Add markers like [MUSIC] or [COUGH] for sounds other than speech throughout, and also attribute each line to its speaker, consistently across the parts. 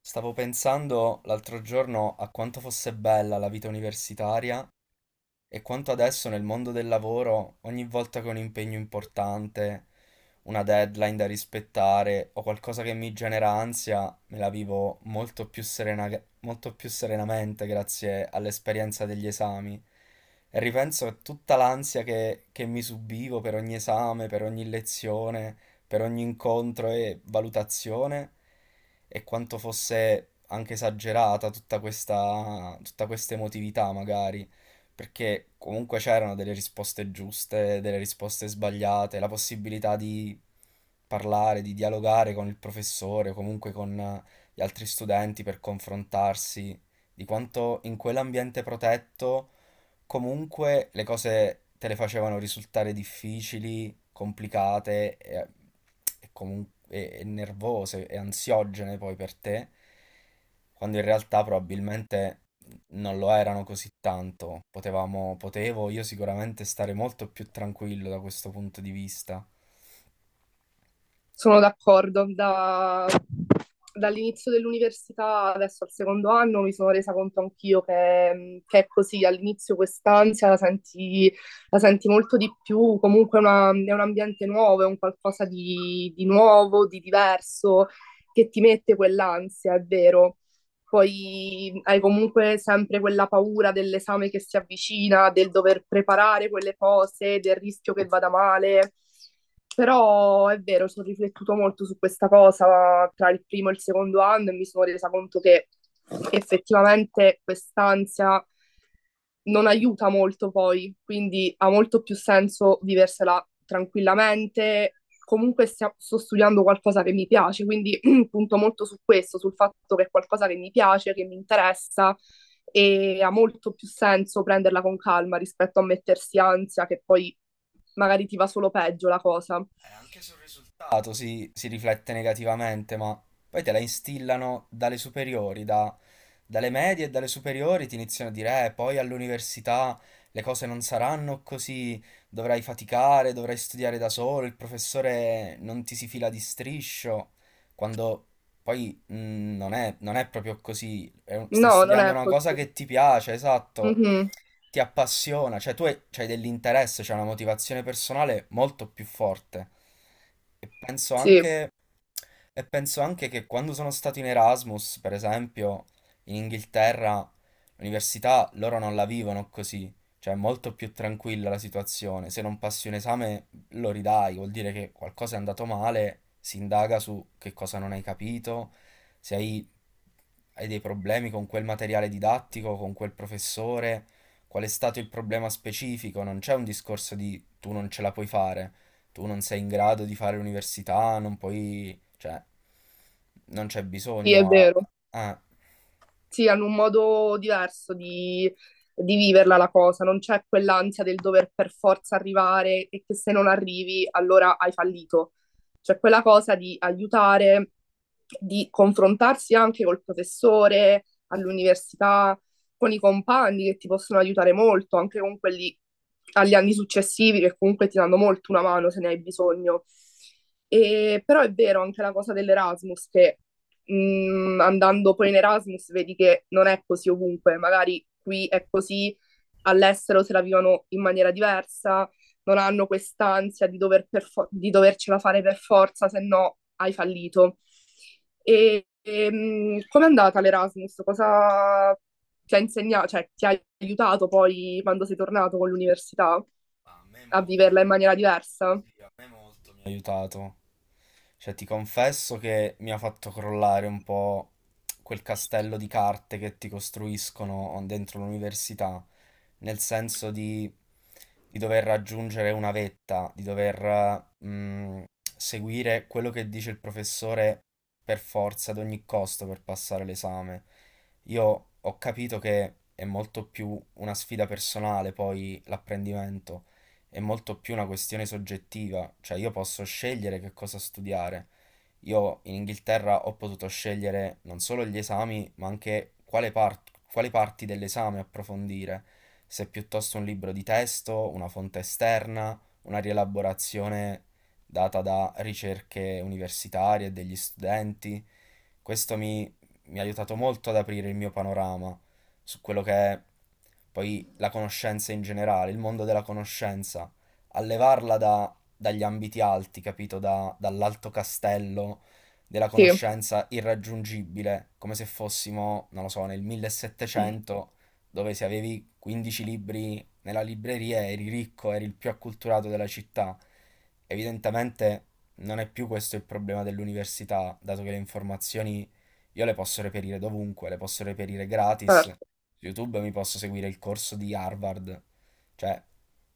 Speaker 1: Stavo pensando l'altro giorno a quanto fosse bella la vita universitaria e quanto adesso nel mondo del lavoro, ogni volta che ho un impegno importante, una deadline da rispettare o qualcosa che mi genera ansia, me la vivo molto più molto più serenamente grazie all'esperienza degli esami. E ripenso a tutta l'ansia che mi subivo per ogni esame, per ogni lezione, per ogni incontro e valutazione, e quanto fosse anche esagerata tutta questa emotività, magari perché comunque c'erano delle risposte giuste, delle risposte sbagliate, la possibilità di parlare, di dialogare con il professore o comunque con gli altri studenti per confrontarsi, di quanto in quell'ambiente protetto comunque le cose te le facevano risultare difficili, complicate e nervose e ansiogene poi per te, quando in realtà probabilmente non lo erano così tanto. Potevo io sicuramente stare molto più tranquillo da questo punto di vista.
Speaker 2: Sono d'accordo, dall'inizio dell'università adesso al secondo anno mi sono resa conto anch'io che è così, all'inizio quest'ansia la senti molto di più, comunque è un ambiente nuovo, è un qualcosa di nuovo, di diverso, che ti mette quell'ansia, è vero. Poi hai comunque sempre quella paura dell'esame che si avvicina, del dover preparare quelle cose, del rischio che vada male. Però è vero, ci ho riflettuto molto su questa cosa tra il primo e il secondo anno e mi sono resa conto che effettivamente quest'ansia non aiuta molto poi, quindi ha molto più senso viversela tranquillamente. Comunque sto studiando qualcosa che mi piace, quindi punto molto su questo, sul fatto che è qualcosa che mi piace, che mi interessa e ha molto più senso prenderla con calma rispetto a mettersi ansia che poi magari ti va solo peggio la cosa.
Speaker 1: Anche sul risultato si riflette negativamente, ma poi te la instillano dalle superiori, dalle medie e dalle superiori ti iniziano a dire, poi all'università le cose non saranno così, dovrai faticare, dovrai studiare da solo, il professore non ti si fila di striscio, quando poi non è proprio così, stai
Speaker 2: No, non
Speaker 1: studiando
Speaker 2: è
Speaker 1: una cosa
Speaker 2: così.
Speaker 1: che ti piace, esatto,
Speaker 2: Mhm.
Speaker 1: ti appassiona, cioè c'hai dell'interesse, c'è una motivazione personale molto più forte. E penso
Speaker 2: Sì,
Speaker 1: anche, e penso anche che quando sono stato in Erasmus, per esempio, in Inghilterra, l'università loro non la vivono così, cioè è molto più tranquilla la situazione. Se non passi un esame lo ridai, vuol dire che qualcosa è andato male, si indaga su che cosa non hai capito, se hai dei problemi con quel materiale didattico, con quel professore. Qual è stato il problema specifico? Non c'è un discorso di tu non ce la puoi fare, tu non sei in grado di fare l'università, non puoi, cioè, non c'è
Speaker 2: sì, è
Speaker 1: bisogno
Speaker 2: vero.
Speaker 1: a-
Speaker 2: Sì, hanno un modo diverso di viverla la cosa, non c'è quell'ansia del dover per forza arrivare e che se non arrivi allora hai fallito. C'è quella cosa di aiutare, di confrontarsi anche col professore, all'università, con i compagni che ti possono aiutare molto, anche con quelli agli anni successivi che comunque ti danno molto una mano se ne hai bisogno. E, però è vero anche la cosa dell'Erasmus che andando poi in Erasmus vedi che non è così ovunque, magari qui è così, all'estero se la vivono in maniera diversa, non hanno quest'ansia di dovercela fare per forza, se no hai fallito. Com'è andata l'Erasmus? Cosa ti ha insegnato, cioè ti ha aiutato poi quando sei tornato con l'università
Speaker 1: a me
Speaker 2: a viverla in
Speaker 1: molto,
Speaker 2: maniera diversa?
Speaker 1: sì, a me molto mi ha aiutato. Cioè, ti confesso che mi ha fatto crollare un po' quel castello di carte che ti costruiscono dentro l'università, nel senso di dover raggiungere una vetta, di dover seguire quello che dice il professore per forza, ad ogni costo, per passare l'esame. Io ho capito che è molto più una sfida personale, poi l'apprendimento è molto più una questione soggettiva, cioè io posso scegliere che cosa studiare. Io in Inghilterra ho potuto scegliere non solo gli esami, ma anche quali parti dell'esame approfondire, se piuttosto un libro di testo, una fonte esterna, una rielaborazione data da ricerche universitarie e degli studenti. Questo mi, mi ha aiutato molto ad aprire il mio panorama su quello che è poi la conoscenza in generale, il mondo della conoscenza, a levarla dagli ambiti alti, capito? Dall'alto castello della
Speaker 2: Sì,
Speaker 1: conoscenza irraggiungibile, come se fossimo, non lo so, nel 1700, dove se avevi 15 libri nella libreria eri ricco, eri il più acculturato della città. Evidentemente non è più questo il problema dell'università, dato che le informazioni io le posso reperire dovunque, le posso reperire gratis.
Speaker 2: certo,
Speaker 1: Su YouTube mi posso seguire il corso di Harvard, cioè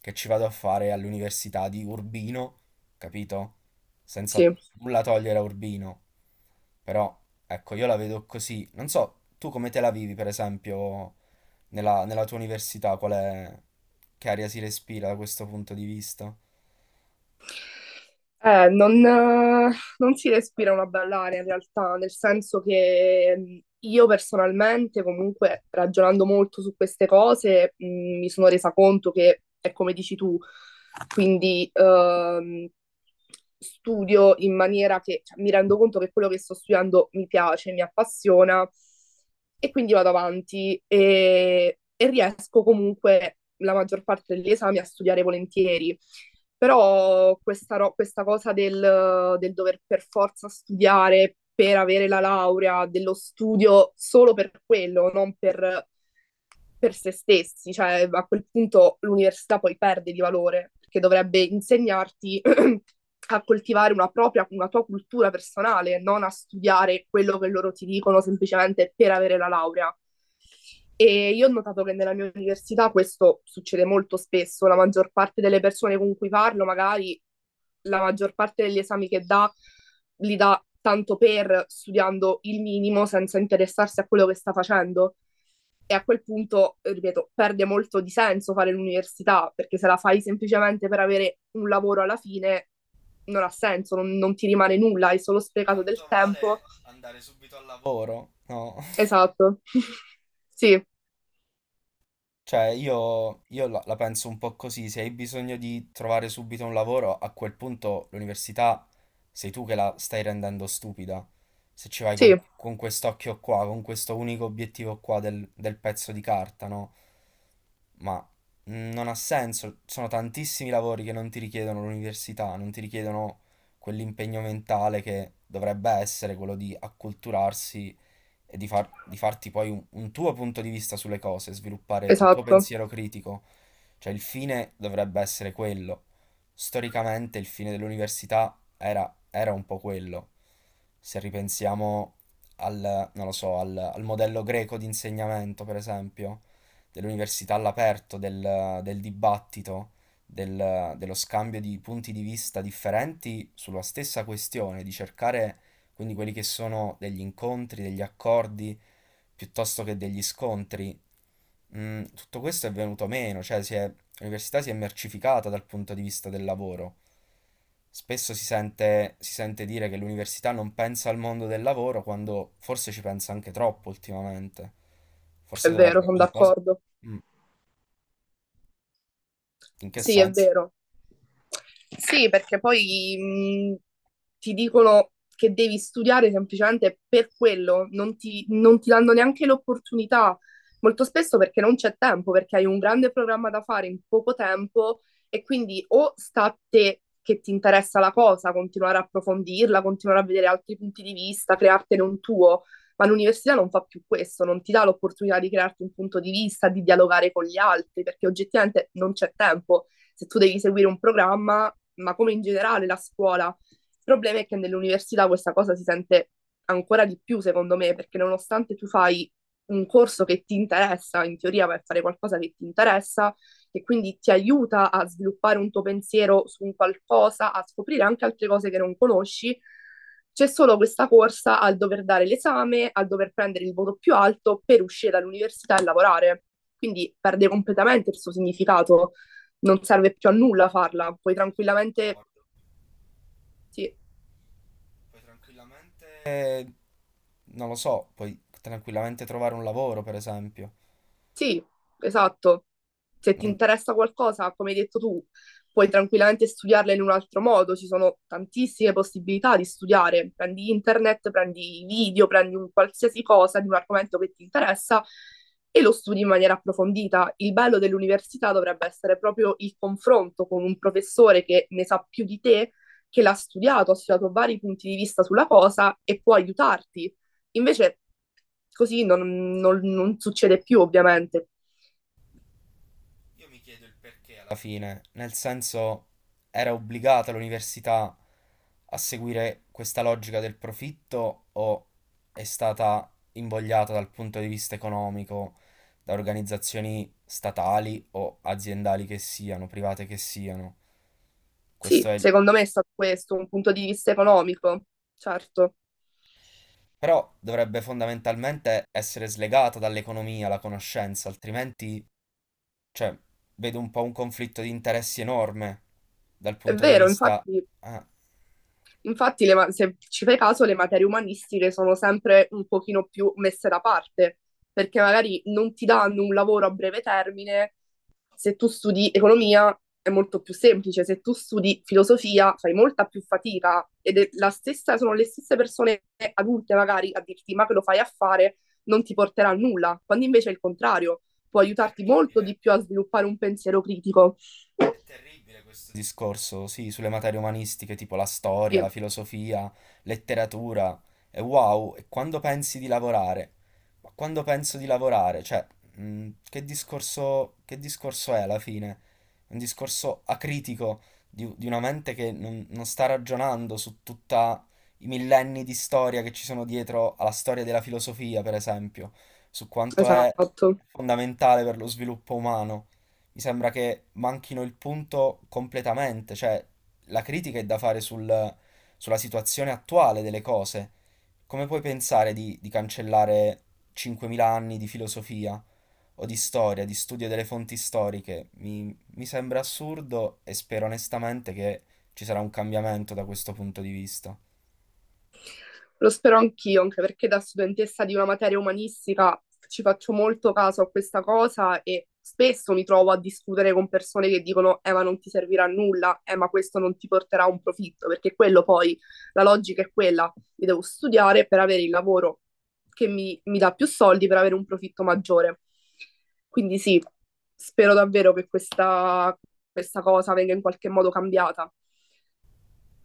Speaker 1: che ci vado a fare all'università di Urbino, capito? Senza
Speaker 2: sì.
Speaker 1: nulla togliere a Urbino, però ecco, io la vedo così. Non so, tu come te la vivi, per esempio, nella tua università, qual è, che aria si respira da questo punto di vista?
Speaker 2: Eh, non, eh, Non si respira una bella aria in realtà, nel senso che io personalmente, comunque, ragionando molto su queste cose, mi sono resa conto che è come dici tu, quindi studio in maniera che, mi rendo conto che quello che sto studiando mi piace, mi appassiona e quindi vado avanti e riesco comunque la maggior parte degli esami a studiare volentieri. Però questa cosa del dover per forza studiare per avere la laurea, dello studio solo per quello, non per per se stessi, cioè a quel punto l'università poi perde di valore, perché dovrebbe insegnarti [CLEARS THROAT] a coltivare una propria, una tua cultura personale, non a studiare quello che loro ti dicono semplicemente per avere la laurea. E io ho notato che nella mia università questo succede molto spesso, la maggior parte delle persone con cui parlo, magari la maggior parte degli esami che dà, li dà tanto per studiando il minimo senza interessarsi a quello che sta facendo. E a quel punto, ripeto, perde molto di senso fare l'università, perché se la fai semplicemente per avere un lavoro alla fine, non ha senso, non ti rimane nulla, hai solo sprecato del
Speaker 1: Tanto
Speaker 2: tempo.
Speaker 1: vale andare subito al lavoro, no? [LAUGHS]
Speaker 2: Esatto. [LAUGHS] Sì,
Speaker 1: Cioè, la penso un po' così, se hai bisogno di trovare subito un lavoro, a quel punto l'università sei tu che la stai rendendo stupida. Se ci vai
Speaker 2: sì,
Speaker 1: con quest'occhio qua, con questo unico obiettivo qua del pezzo di carta, no? Ma non ha senso, sono tantissimi lavori che non ti richiedono l'università, non ti richiedono quell'impegno mentale che dovrebbe essere quello di acculturarsi e di, di farti poi un tuo punto di vista sulle cose, sviluppare un tuo
Speaker 2: esatto.
Speaker 1: pensiero critico. Cioè il fine dovrebbe essere quello. Storicamente il fine dell'università era un po' quello. Se ripensiamo non lo so, al modello greco di insegnamento, per esempio, dell'università all'aperto, del dibattito, dello scambio di punti di vista differenti sulla stessa questione, di cercare quindi quelli che sono degli incontri, degli accordi, piuttosto che degli scontri, tutto questo è venuto meno, l'università si è mercificata dal punto di vista del lavoro. Spesso si sente dire che l'università non pensa al mondo del lavoro quando forse ci pensa anche troppo ultimamente. Forse
Speaker 2: È vero,
Speaker 1: dovrebbe
Speaker 2: sono
Speaker 1: un po'
Speaker 2: d'accordo.
Speaker 1: Mm, in che
Speaker 2: Sì, è
Speaker 1: senso?
Speaker 2: vero. Sì, perché poi ti dicono che devi studiare semplicemente per quello, non ti danno neanche l'opportunità, molto spesso perché non c'è tempo, perché hai un grande programma da fare in poco tempo e quindi o sta a te che ti interessa la cosa, continuare a approfondirla, continuare a vedere altri punti di vista, creartene un tuo, ma l'università non fa più questo, non ti dà l'opportunità di crearti un punto di vista, di dialogare con gli altri, perché oggettivamente non c'è tempo se tu devi seguire un programma, ma come in generale la scuola. Il problema è che nell'università questa cosa si sente ancora di più, secondo me, perché nonostante tu fai un corso che ti interessa, in teoria per fare qualcosa che ti interessa, che quindi ti aiuta a sviluppare un tuo pensiero su un qualcosa, a scoprire anche altre cose che non conosci, c'è solo questa corsa al dover dare l'esame, al dover prendere il voto più alto per uscire dall'università e lavorare. Quindi perde completamente il suo significato, non serve più a nulla farla, puoi tranquillamente
Speaker 1: D'accordo,
Speaker 2: sì,
Speaker 1: puoi tranquillamente. Non lo so, puoi tranquillamente trovare un lavoro, per esempio.
Speaker 2: sì, esatto. Se ti
Speaker 1: Non,
Speaker 2: interessa qualcosa, come hai detto tu, puoi tranquillamente studiarla in un altro modo. Ci sono tantissime possibilità di studiare. Prendi internet, prendi video, prendi un qualsiasi cosa di un argomento che ti interessa e lo studi in maniera approfondita. Il bello dell'università dovrebbe essere proprio il confronto con un professore che ne sa più di te, che l'ha studiato, ha studiato vari punti di vista sulla cosa e può aiutarti. Invece così non succede più, ovviamente.
Speaker 1: Io mi chiedo il perché alla fine, nel senso era obbligata l'università a seguire questa logica del profitto o è stata invogliata dal punto di vista economico da organizzazioni statali o aziendali che siano, private che siano?
Speaker 2: Sì,
Speaker 1: Questo è il...
Speaker 2: secondo me è stato questo, un punto di vista economico, certo.
Speaker 1: Però dovrebbe fondamentalmente essere slegata dall'economia la conoscenza, altrimenti, cioè, vedo un po' un conflitto di interessi enorme dal
Speaker 2: È
Speaker 1: punto di
Speaker 2: vero,
Speaker 1: vista...
Speaker 2: infatti,
Speaker 1: Ah.
Speaker 2: infatti se ci fai caso, le materie umanistiche sono sempre un pochino più messe da parte, perché magari non ti danno un lavoro a breve termine. Se tu studi economia è molto più semplice, se tu studi filosofia fai molta più fatica ed è la stessa, sono le stesse persone adulte magari a dirti ma che lo fai a fare, non ti porterà a nulla, quando invece è il contrario, può
Speaker 1: È
Speaker 2: aiutarti molto
Speaker 1: terribile,
Speaker 2: di più a sviluppare un pensiero critico.
Speaker 1: è terribile questo discorso, sì, sulle materie umanistiche tipo la storia,
Speaker 2: Sì,
Speaker 1: la filosofia, letteratura. E wow, e quando pensi di lavorare? Ma quando penso di lavorare? Cioè, che discorso è alla fine? Un discorso acritico di una mente che non sta ragionando su tutta i millenni di storia che ci sono dietro alla storia della filosofia, per esempio, su quanto è
Speaker 2: esatto.
Speaker 1: fondamentale per lo sviluppo umano, mi sembra che manchino il punto completamente, cioè la critica è da fare sulla situazione attuale delle cose. Come puoi pensare di cancellare 5.000 anni di filosofia o di storia, di studio delle fonti storiche? Mi sembra assurdo e spero onestamente che ci sarà un cambiamento da questo punto di vista.
Speaker 2: Lo spero anch'io, anche perché da studentessa di una materia umanistica ci faccio molto caso a questa cosa e spesso mi trovo a discutere con persone che dicono ma non ti servirà a nulla, ma questo non ti porterà a un profitto, perché quello poi, la logica è quella, io devo studiare per avere il lavoro che mi dà più soldi per avere un profitto maggiore. Quindi sì, spero davvero che questa cosa venga in qualche modo cambiata.